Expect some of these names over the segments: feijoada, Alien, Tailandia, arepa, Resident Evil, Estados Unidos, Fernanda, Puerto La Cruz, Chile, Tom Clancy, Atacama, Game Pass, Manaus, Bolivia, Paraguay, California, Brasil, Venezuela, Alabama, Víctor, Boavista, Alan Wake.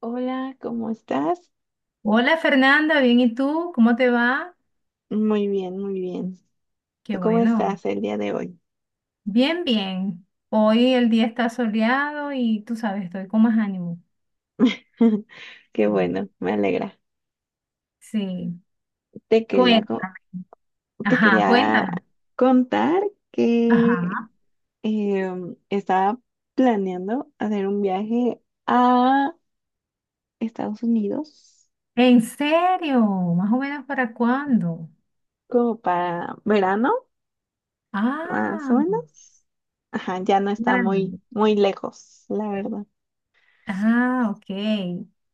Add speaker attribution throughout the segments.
Speaker 1: Hola, ¿cómo estás?
Speaker 2: Hola Fernanda, bien, ¿y tú? ¿Cómo te va?
Speaker 1: Muy bien, muy bien.
Speaker 2: Qué
Speaker 1: ¿Tú cómo
Speaker 2: bueno.
Speaker 1: estás el día de hoy?
Speaker 2: Bien, bien. Hoy el día está soleado y tú sabes, estoy con más ánimo.
Speaker 1: Qué
Speaker 2: Mm.
Speaker 1: bueno, me alegra.
Speaker 2: Sí,
Speaker 1: Te quería, co-
Speaker 2: cuéntame.
Speaker 1: Te
Speaker 2: Ajá,
Speaker 1: quería
Speaker 2: cuéntame.
Speaker 1: contar que
Speaker 2: Ajá.
Speaker 1: estaba planeando hacer un viaje a Estados Unidos
Speaker 2: ¿En serio? ¿Más o menos para cuándo?
Speaker 1: como para verano, más o
Speaker 2: Ah,
Speaker 1: menos. Ajá, ya no
Speaker 2: qué
Speaker 1: está muy,
Speaker 2: maravilla.
Speaker 1: muy lejos, la verdad.
Speaker 2: Ah, ok.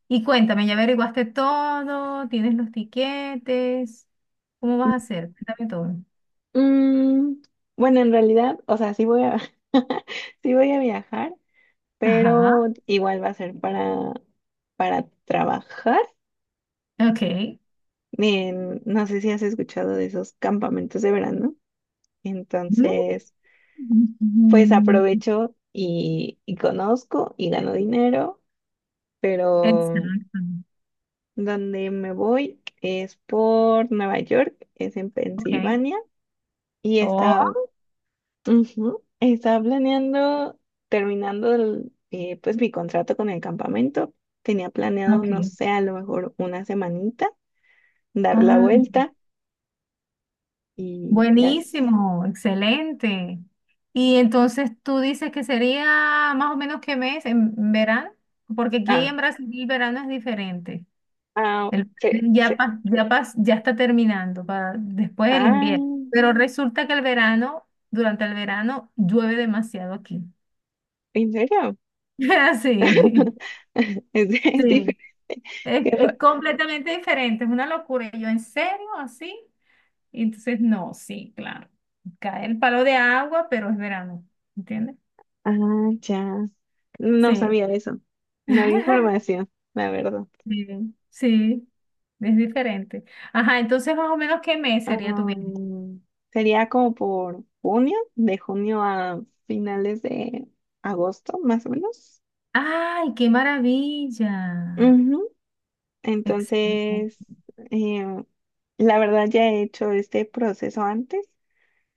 Speaker 2: Y cuéntame, ¿ya averiguaste todo? ¿Tienes los tiquetes? ¿Cómo vas a hacer? Cuéntame todo.
Speaker 1: Mm, bueno, en realidad, o sea, sí voy a viajar, pero
Speaker 2: Ajá,
Speaker 1: igual va a ser para trabajar.
Speaker 2: ok.
Speaker 1: No sé si has escuchado de esos campamentos de verano.
Speaker 2: Mm.
Speaker 1: Entonces, pues
Speaker 2: mm, mm.
Speaker 1: aprovecho y conozco y gano dinero, pero
Speaker 2: Exacto.
Speaker 1: donde me voy es por Nueva York, es en
Speaker 2: Ok.
Speaker 1: Pensilvania y
Speaker 2: Oh,
Speaker 1: está. Ujú. Estaba planeando, terminando el pues mi contrato con el campamento, tenía planeado, no
Speaker 2: ok.
Speaker 1: sé, a lo mejor una semanita, dar la
Speaker 2: Ah,
Speaker 1: vuelta y así.
Speaker 2: buenísimo, excelente. Y entonces tú dices que sería más o menos qué mes en verano, porque aquí
Speaker 1: Ah,
Speaker 2: en Brasil el verano es diferente.
Speaker 1: ah,
Speaker 2: El,
Speaker 1: sí, sí.
Speaker 2: ya, pas- ya, pas- ya está terminando para después del
Speaker 1: Ah,
Speaker 2: invierno. Pero resulta que el verano, durante el verano, llueve demasiado aquí.
Speaker 1: ¿en serio?
Speaker 2: Sí,
Speaker 1: Es diferente.
Speaker 2: sí. Es,
Speaker 1: Qué fa-
Speaker 2: es completamente diferente, es una locura. Y yo, ¿en serio? ¿Así? Entonces, no, sí, claro. Cae el palo de agua, pero es verano, ¿entiendes?
Speaker 1: Ah, ya. No
Speaker 2: Sí.
Speaker 1: sabía eso. No había información, la verdad.
Speaker 2: Sí, sí, es diferente. Ajá, entonces más o menos ¿qué mes sería tu viaje?
Speaker 1: Am, Sería como por junio, de junio a finales de agosto, más o menos.
Speaker 2: ¡Ay, qué maravilla!
Speaker 1: Ujú.
Speaker 2: Excelente.
Speaker 1: Entonces, eh, la verdad ya he hecho este proceso antes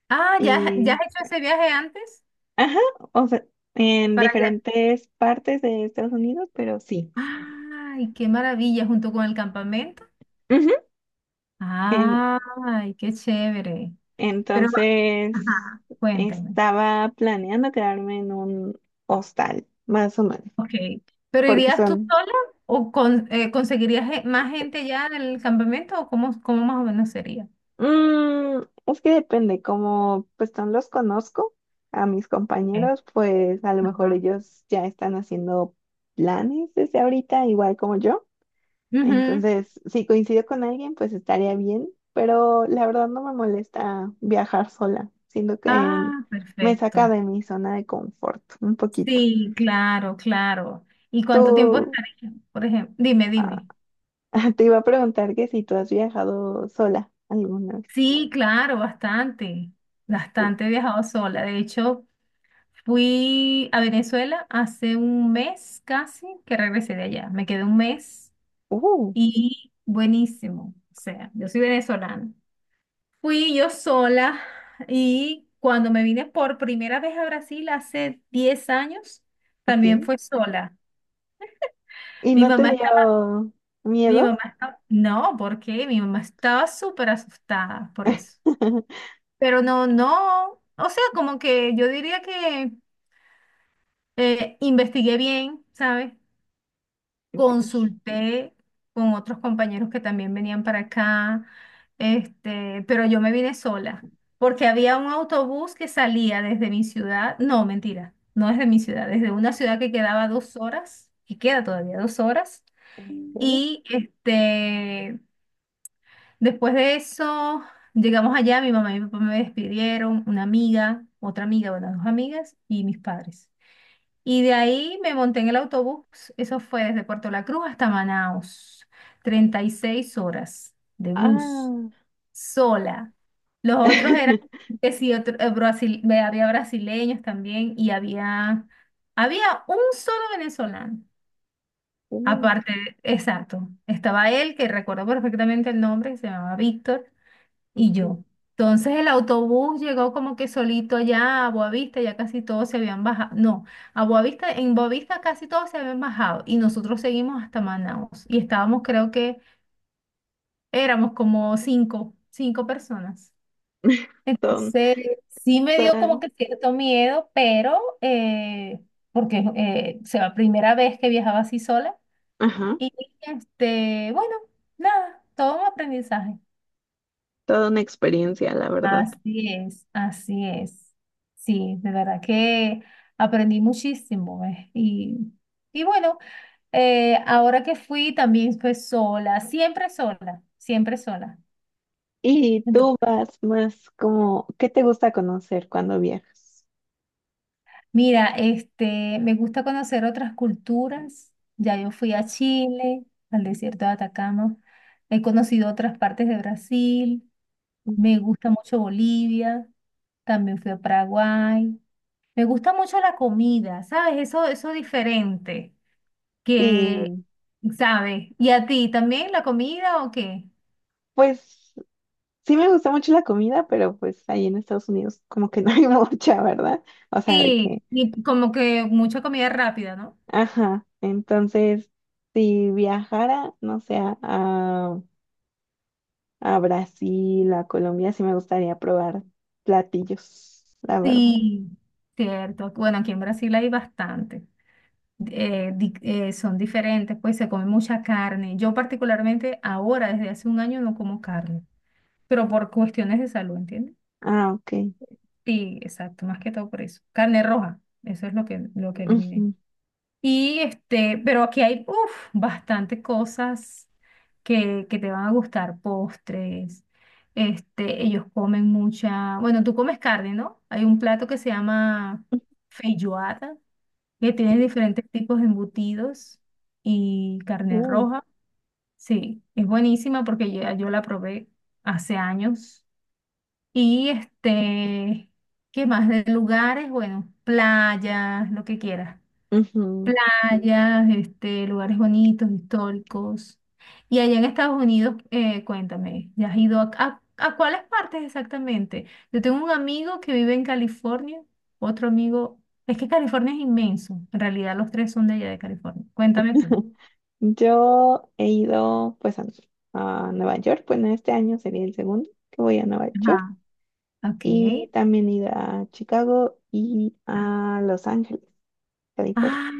Speaker 2: Ah, ¿ya, ya
Speaker 1: y,
Speaker 2: has hecho ese viaje antes?
Speaker 1: ajá, o sea, en
Speaker 2: Para allá.
Speaker 1: diferentes partes de Estados Unidos, pero sí.
Speaker 2: ¡Ay, qué maravilla! Junto con el campamento.
Speaker 1: Ujú. En-
Speaker 2: ¡Ay, qué chévere! Pero,
Speaker 1: entonces,
Speaker 2: ajá, cuéntame.
Speaker 1: estaba planeando quedarme en un hostal, más o menos,
Speaker 2: Ok, pero
Speaker 1: porque
Speaker 2: ¿irías tú
Speaker 1: son.
Speaker 2: sola o con- conseguirías ge- más gente ya en el campamento o cómo, cómo más o menos sería?
Speaker 1: Mm, es que depende, como pues no los conozco a mis
Speaker 2: Ok.
Speaker 1: compañeros, pues a lo mejor
Speaker 2: Ajá.
Speaker 1: ellos ya están haciendo planes desde ahorita, igual como yo.
Speaker 2: Ujú.
Speaker 1: Entonces, si coincido con alguien, pues estaría bien, pero la verdad no me molesta viajar sola, siento que
Speaker 2: Ah,
Speaker 1: me saca
Speaker 2: perfecto.
Speaker 1: de mi zona de confort un poquito.
Speaker 2: Sí, claro, claro. ¿Y cuánto tiempo
Speaker 1: Tú,
Speaker 2: estaría? Por ejemplo, dime,
Speaker 1: ah,
Speaker 2: dime.
Speaker 1: te iba a preguntar que si tú has viajado sola alguna vez.
Speaker 2: Sí, claro, bastante,
Speaker 1: Sí.
Speaker 2: bastante he viajado sola. De hecho, fui a Venezuela hace un mes casi que regresé de allá. Me quedé un mes
Speaker 1: Uh,
Speaker 2: y buenísimo. O sea, yo soy venezolana. Fui yo sola y cuando me vine por primera vez a Brasil hace 10 años,
Speaker 1: ok.
Speaker 2: también fue sola.
Speaker 1: ¿Y
Speaker 2: Mi
Speaker 1: no te
Speaker 2: mamá está,
Speaker 1: dio
Speaker 2: mi
Speaker 1: miedo?
Speaker 2: mamá está, no, ¿por qué? Mi mamá estaba súper asustada por eso. Pero no, no, o sea, como que yo diría que investigué bien, ¿sabes? Consulté con otros compañeros que también venían para acá, este, pero yo me vine sola, porque había un autobús que salía desde mi ciudad, no, mentira, no desde mi ciudad, desde una ciudad que quedaba 2 horas, que queda todavía 2 horas, y este, después de eso llegamos allá, mi mamá y mi papá me despidieron, una amiga, otra amiga, bueno, dos amigas y mis padres. Y de ahí me monté en el autobús, eso fue desde Puerto La Cruz hasta Manaus, 36 horas de bus,
Speaker 1: Ah,
Speaker 2: sola. Los otros eran, que sí, había brasileños también y había, un solo venezolano.
Speaker 1: Mm,
Speaker 2: Aparte, exacto, estaba él, que recuerdo perfectamente el nombre, que se llamaba Víctor, y
Speaker 1: ok.
Speaker 2: yo. Entonces el autobús llegó como que solito allá a Boavista, ya casi todos se habían bajado. No, a Boavista, en Boavista casi todos se habían bajado y nosotros seguimos hasta Manaus y estábamos, creo que éramos como cinco, cinco personas.
Speaker 1: Todo,
Speaker 2: Entonces sí me dio
Speaker 1: toda,
Speaker 2: como que cierto miedo, pero porque o sea, la primera vez que viajaba así sola
Speaker 1: ajá,
Speaker 2: y este, bueno, nada, todo un aprendizaje.
Speaker 1: toda una experiencia, la verdad.
Speaker 2: Así es, así es. Sí, de verdad que aprendí muchísimo. Y bueno, ahora que fui también fue sola, siempre sola, siempre sola.
Speaker 1: ¿Y
Speaker 2: Ento-
Speaker 1: tú vas más como, qué te gusta conocer cuando viajas?
Speaker 2: mira, este, me gusta conocer otras culturas. Ya yo fui a Chile, al desierto de Atacama. He conocido otras partes de Brasil. Me gusta mucho Bolivia. También fui a Paraguay. Me gusta mucho la comida, ¿sabes? Eso diferente, que,
Speaker 1: Sí,
Speaker 2: ¿sabes? ¿Y a ti también la comida o qué?
Speaker 1: pues sí me gusta mucho la comida, pero pues ahí en Estados Unidos como que no hay mucha, ¿verdad? O sea, de
Speaker 2: Sí,
Speaker 1: que,
Speaker 2: y como que mucha comida rápida, ¿no?
Speaker 1: ajá, entonces, si viajara, no sé, a Brasil, a Colombia, sí me gustaría probar platillos, la verdad.
Speaker 2: Sí, cierto. Bueno, aquí en Brasil hay bastante. Son diferentes, pues se come mucha carne. Yo particularmente ahora, desde hace un año, no como carne, pero por cuestiones de salud, ¿entiendes?
Speaker 1: Ah, ok.
Speaker 2: Sí, exacto, más que todo por eso. Carne roja, eso es lo que eliminé.
Speaker 1: Ujú.
Speaker 2: Y este, pero aquí hay uf, bastante cosas que te van a gustar, postres. Este, ellos comen mucha, bueno, tú comes carne, ¿no? Hay un plato que se llama feijoada, que tiene diferentes tipos de embutidos y carne
Speaker 1: Uh,
Speaker 2: roja. Sí, es buenísima porque ya yo la probé hace años. Y este, ¿qué más de lugares? Bueno, playas, lo que quieras
Speaker 1: ujú.
Speaker 2: playas, este, lugares bonitos, históricos. Y allá en Estados Unidos, cuéntame, ¿ya has ido a cuáles partes exactamente? Yo tengo un amigo que vive en California, otro amigo, es que California es inmenso, en realidad los tres son de allá de California. Cuéntame tú.
Speaker 1: Yo he ido pues a Nueva York, bueno, este año sería el segundo que voy a Nueva York
Speaker 2: Ajá. Ok.
Speaker 1: y también he ido a Chicago y a Los Ángeles, California.
Speaker 2: Ah,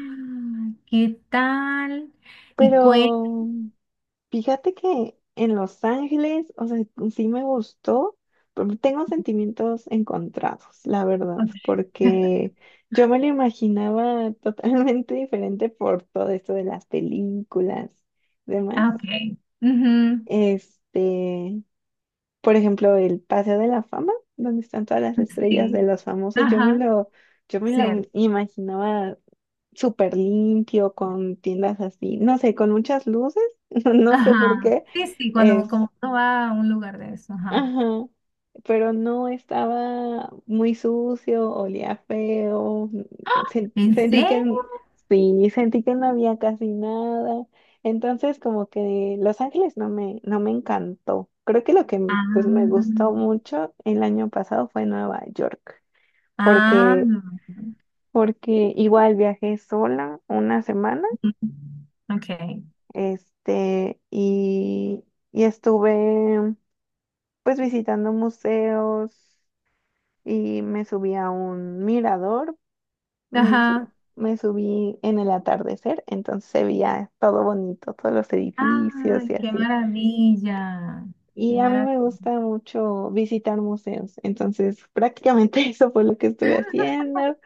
Speaker 2: ¿qué tal? Y cuéntame.
Speaker 1: Pero, fíjate que en Los Ángeles, o sea, sí me gustó, pero tengo sentimientos encontrados, la verdad, porque yo me lo imaginaba totalmente diferente por todo esto de las películas, demás.
Speaker 2: Ok. Ujú,
Speaker 1: Este, por ejemplo, el Paseo de la Fama, donde están todas las estrellas de
Speaker 2: sí.
Speaker 1: los famosos,
Speaker 2: Ajá.
Speaker 1: yo me lo
Speaker 2: Cierto.
Speaker 1: imaginaba súper limpio, con tiendas así, no sé, con muchas luces, no sé por
Speaker 2: Ajá.
Speaker 1: qué.
Speaker 2: Sí, sí, cuando como uno va a un lugar de eso, ajá.
Speaker 1: Ajá, pero no estaba muy sucio, olía feo,
Speaker 2: ¿En
Speaker 1: sentí que,
Speaker 2: serio?
Speaker 1: sí, sentí que no había casi nada. Entonces, como que Los Ángeles no me encantó. Creo que lo que pues me
Speaker 2: Ah,
Speaker 1: gustó mucho el año pasado fue Nueva York,
Speaker 2: ah,
Speaker 1: porque,
Speaker 2: no.
Speaker 1: porque igual viajé sola una semana,
Speaker 2: Ok.
Speaker 1: este, y estuve pues visitando museos y me subí a un mirador, me, su-
Speaker 2: Ajá.
Speaker 1: me subí en el atardecer, entonces se veía todo bonito, todos los edificios
Speaker 2: Ay,
Speaker 1: y
Speaker 2: qué
Speaker 1: así.
Speaker 2: maravilla. Qué
Speaker 1: Y a mí me
Speaker 2: maravilla.
Speaker 1: gusta mucho visitar museos, entonces prácticamente eso fue lo que estuve haciendo,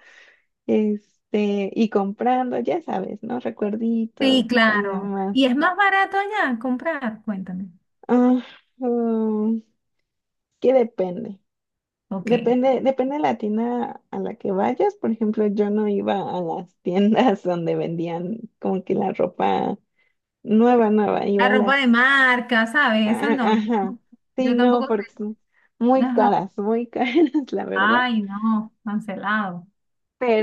Speaker 1: este, y comprando, ya sabes, ¿no?
Speaker 2: Sí,
Speaker 1: Recuerditos y
Speaker 2: claro.
Speaker 1: demás.
Speaker 2: ¿Y es más barato allá comprar? Cuéntame.
Speaker 1: Ah, mm, que depende.
Speaker 2: Ok.
Speaker 1: Depende, depende de la tienda a la que vayas. Por ejemplo, yo no iba a las tiendas donde vendían como que la ropa nueva, nueva.
Speaker 2: La
Speaker 1: Iba a
Speaker 2: ropa de
Speaker 1: las...
Speaker 2: marca, ¿sabes? Eso
Speaker 1: a-
Speaker 2: no.
Speaker 1: Ajá. Sí,
Speaker 2: Yo
Speaker 1: no,
Speaker 2: tampoco
Speaker 1: porque
Speaker 2: sé.
Speaker 1: son
Speaker 2: Ajá.
Speaker 1: muy caras, la verdad.
Speaker 2: Ay, no, cancelado.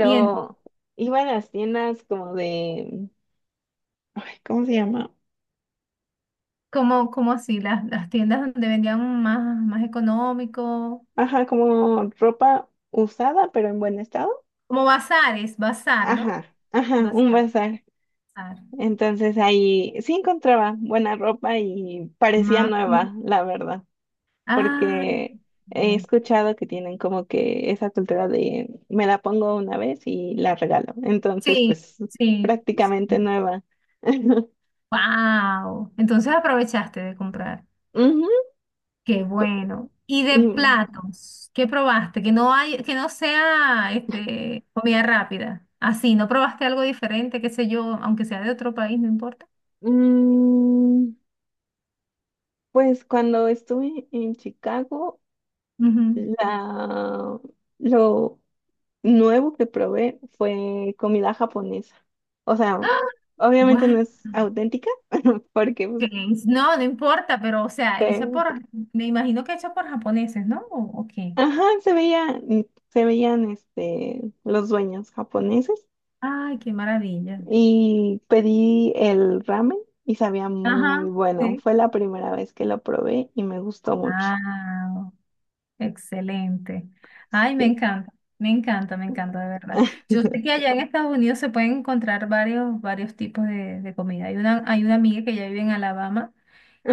Speaker 2: Y en-
Speaker 1: iba a las tiendas como de... Ay, ¿cómo se llama?
Speaker 2: como así, las tiendas donde vendían más, más económico,
Speaker 1: Ajá, como ropa usada, pero en buen estado.
Speaker 2: como bazares, bazar, ¿no?
Speaker 1: Ajá, ajá, un
Speaker 2: Bazar,
Speaker 1: bazar.
Speaker 2: bazar.
Speaker 1: Entonces ahí sí encontraba buena ropa y parecía
Speaker 2: Más.
Speaker 1: nueva, la verdad,
Speaker 2: Ah,
Speaker 1: porque he
Speaker 2: ve.
Speaker 1: escuchado que tienen como que esa cultura de me la pongo una vez y la regalo. Entonces,
Speaker 2: Sí,
Speaker 1: pues
Speaker 2: sí.
Speaker 1: prácticamente nueva.
Speaker 2: Wow. Entonces aprovechaste de comprar.
Speaker 1: Ujú,
Speaker 2: Qué bueno. Y de
Speaker 1: y
Speaker 2: platos, ¿qué probaste? Que no hay, que no sea este, comida rápida. Así, ¿no probaste algo diferente, qué sé yo, aunque sea de otro país, no importa?
Speaker 1: mm, pues cuando estuve en Chicago,
Speaker 2: Ujú.
Speaker 1: la, lo, nuevo que probé fue comida japonesa. O sea,
Speaker 2: ¡Ah!
Speaker 1: obviamente no
Speaker 2: Guau.
Speaker 1: es auténtica, porque pues,
Speaker 2: Que No, no importa, pero o sea, hecha
Speaker 1: fue-
Speaker 2: por, me imagino que hecha por japoneses, ¿no? ¿O qué?
Speaker 1: ajá, se veía, se veían este, los dueños japoneses
Speaker 2: Ay, qué maravilla.
Speaker 1: y pedí el ramen y sabía muy
Speaker 2: Ajá,
Speaker 1: bueno.
Speaker 2: sí.
Speaker 1: Fue la primera vez que lo probé y me gustó mucho.
Speaker 2: Ah, excelente. Ay, me
Speaker 1: Sí.
Speaker 2: encanta, me encanta, me encanta, de verdad. Yo sé que allá en Estados Unidos se pueden encontrar varios, varios tipos de comida. Hay una amiga que ya vive en Alabama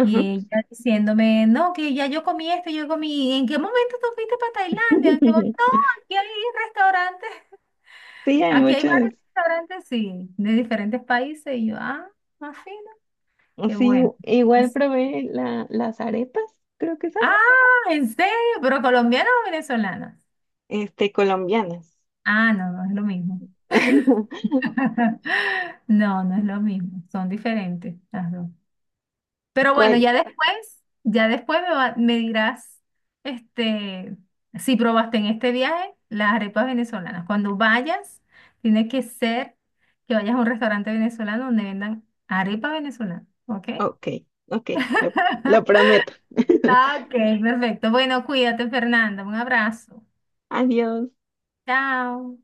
Speaker 2: y ella diciéndome, no, que ya yo comí esto, yo comí, ¿en qué momento tú fuiste para Tailandia? Y yo, no, aquí hay restaurantes.
Speaker 1: Sí, hay
Speaker 2: Aquí hay
Speaker 1: muchos.
Speaker 2: varios restaurantes, sí, de diferentes países. Y yo, ah, más fino, qué
Speaker 1: Sí,
Speaker 2: bueno.
Speaker 1: igual
Speaker 2: Es-
Speaker 1: probé las arepas, creo que son,
Speaker 2: ah, ¿en serio? ¿Pero colombianos o venezolanas?
Speaker 1: este, colombianas.
Speaker 2: Ah, no, no es lo mismo. No, no es lo mismo. Son diferentes las dos. Pero bueno,
Speaker 1: Cuál-
Speaker 2: ya después me dirás, este, si probaste en este viaje las arepas venezolanas. Cuando vayas, tiene que ser que vayas a un restaurante venezolano donde vendan arepa venezolana, ¿ok?
Speaker 1: Ok, ok, lo, lo prometo.
Speaker 2: Ah, ok, perfecto. Bueno, cuídate, Fernanda. Un abrazo.
Speaker 1: Adiós.
Speaker 2: Chao.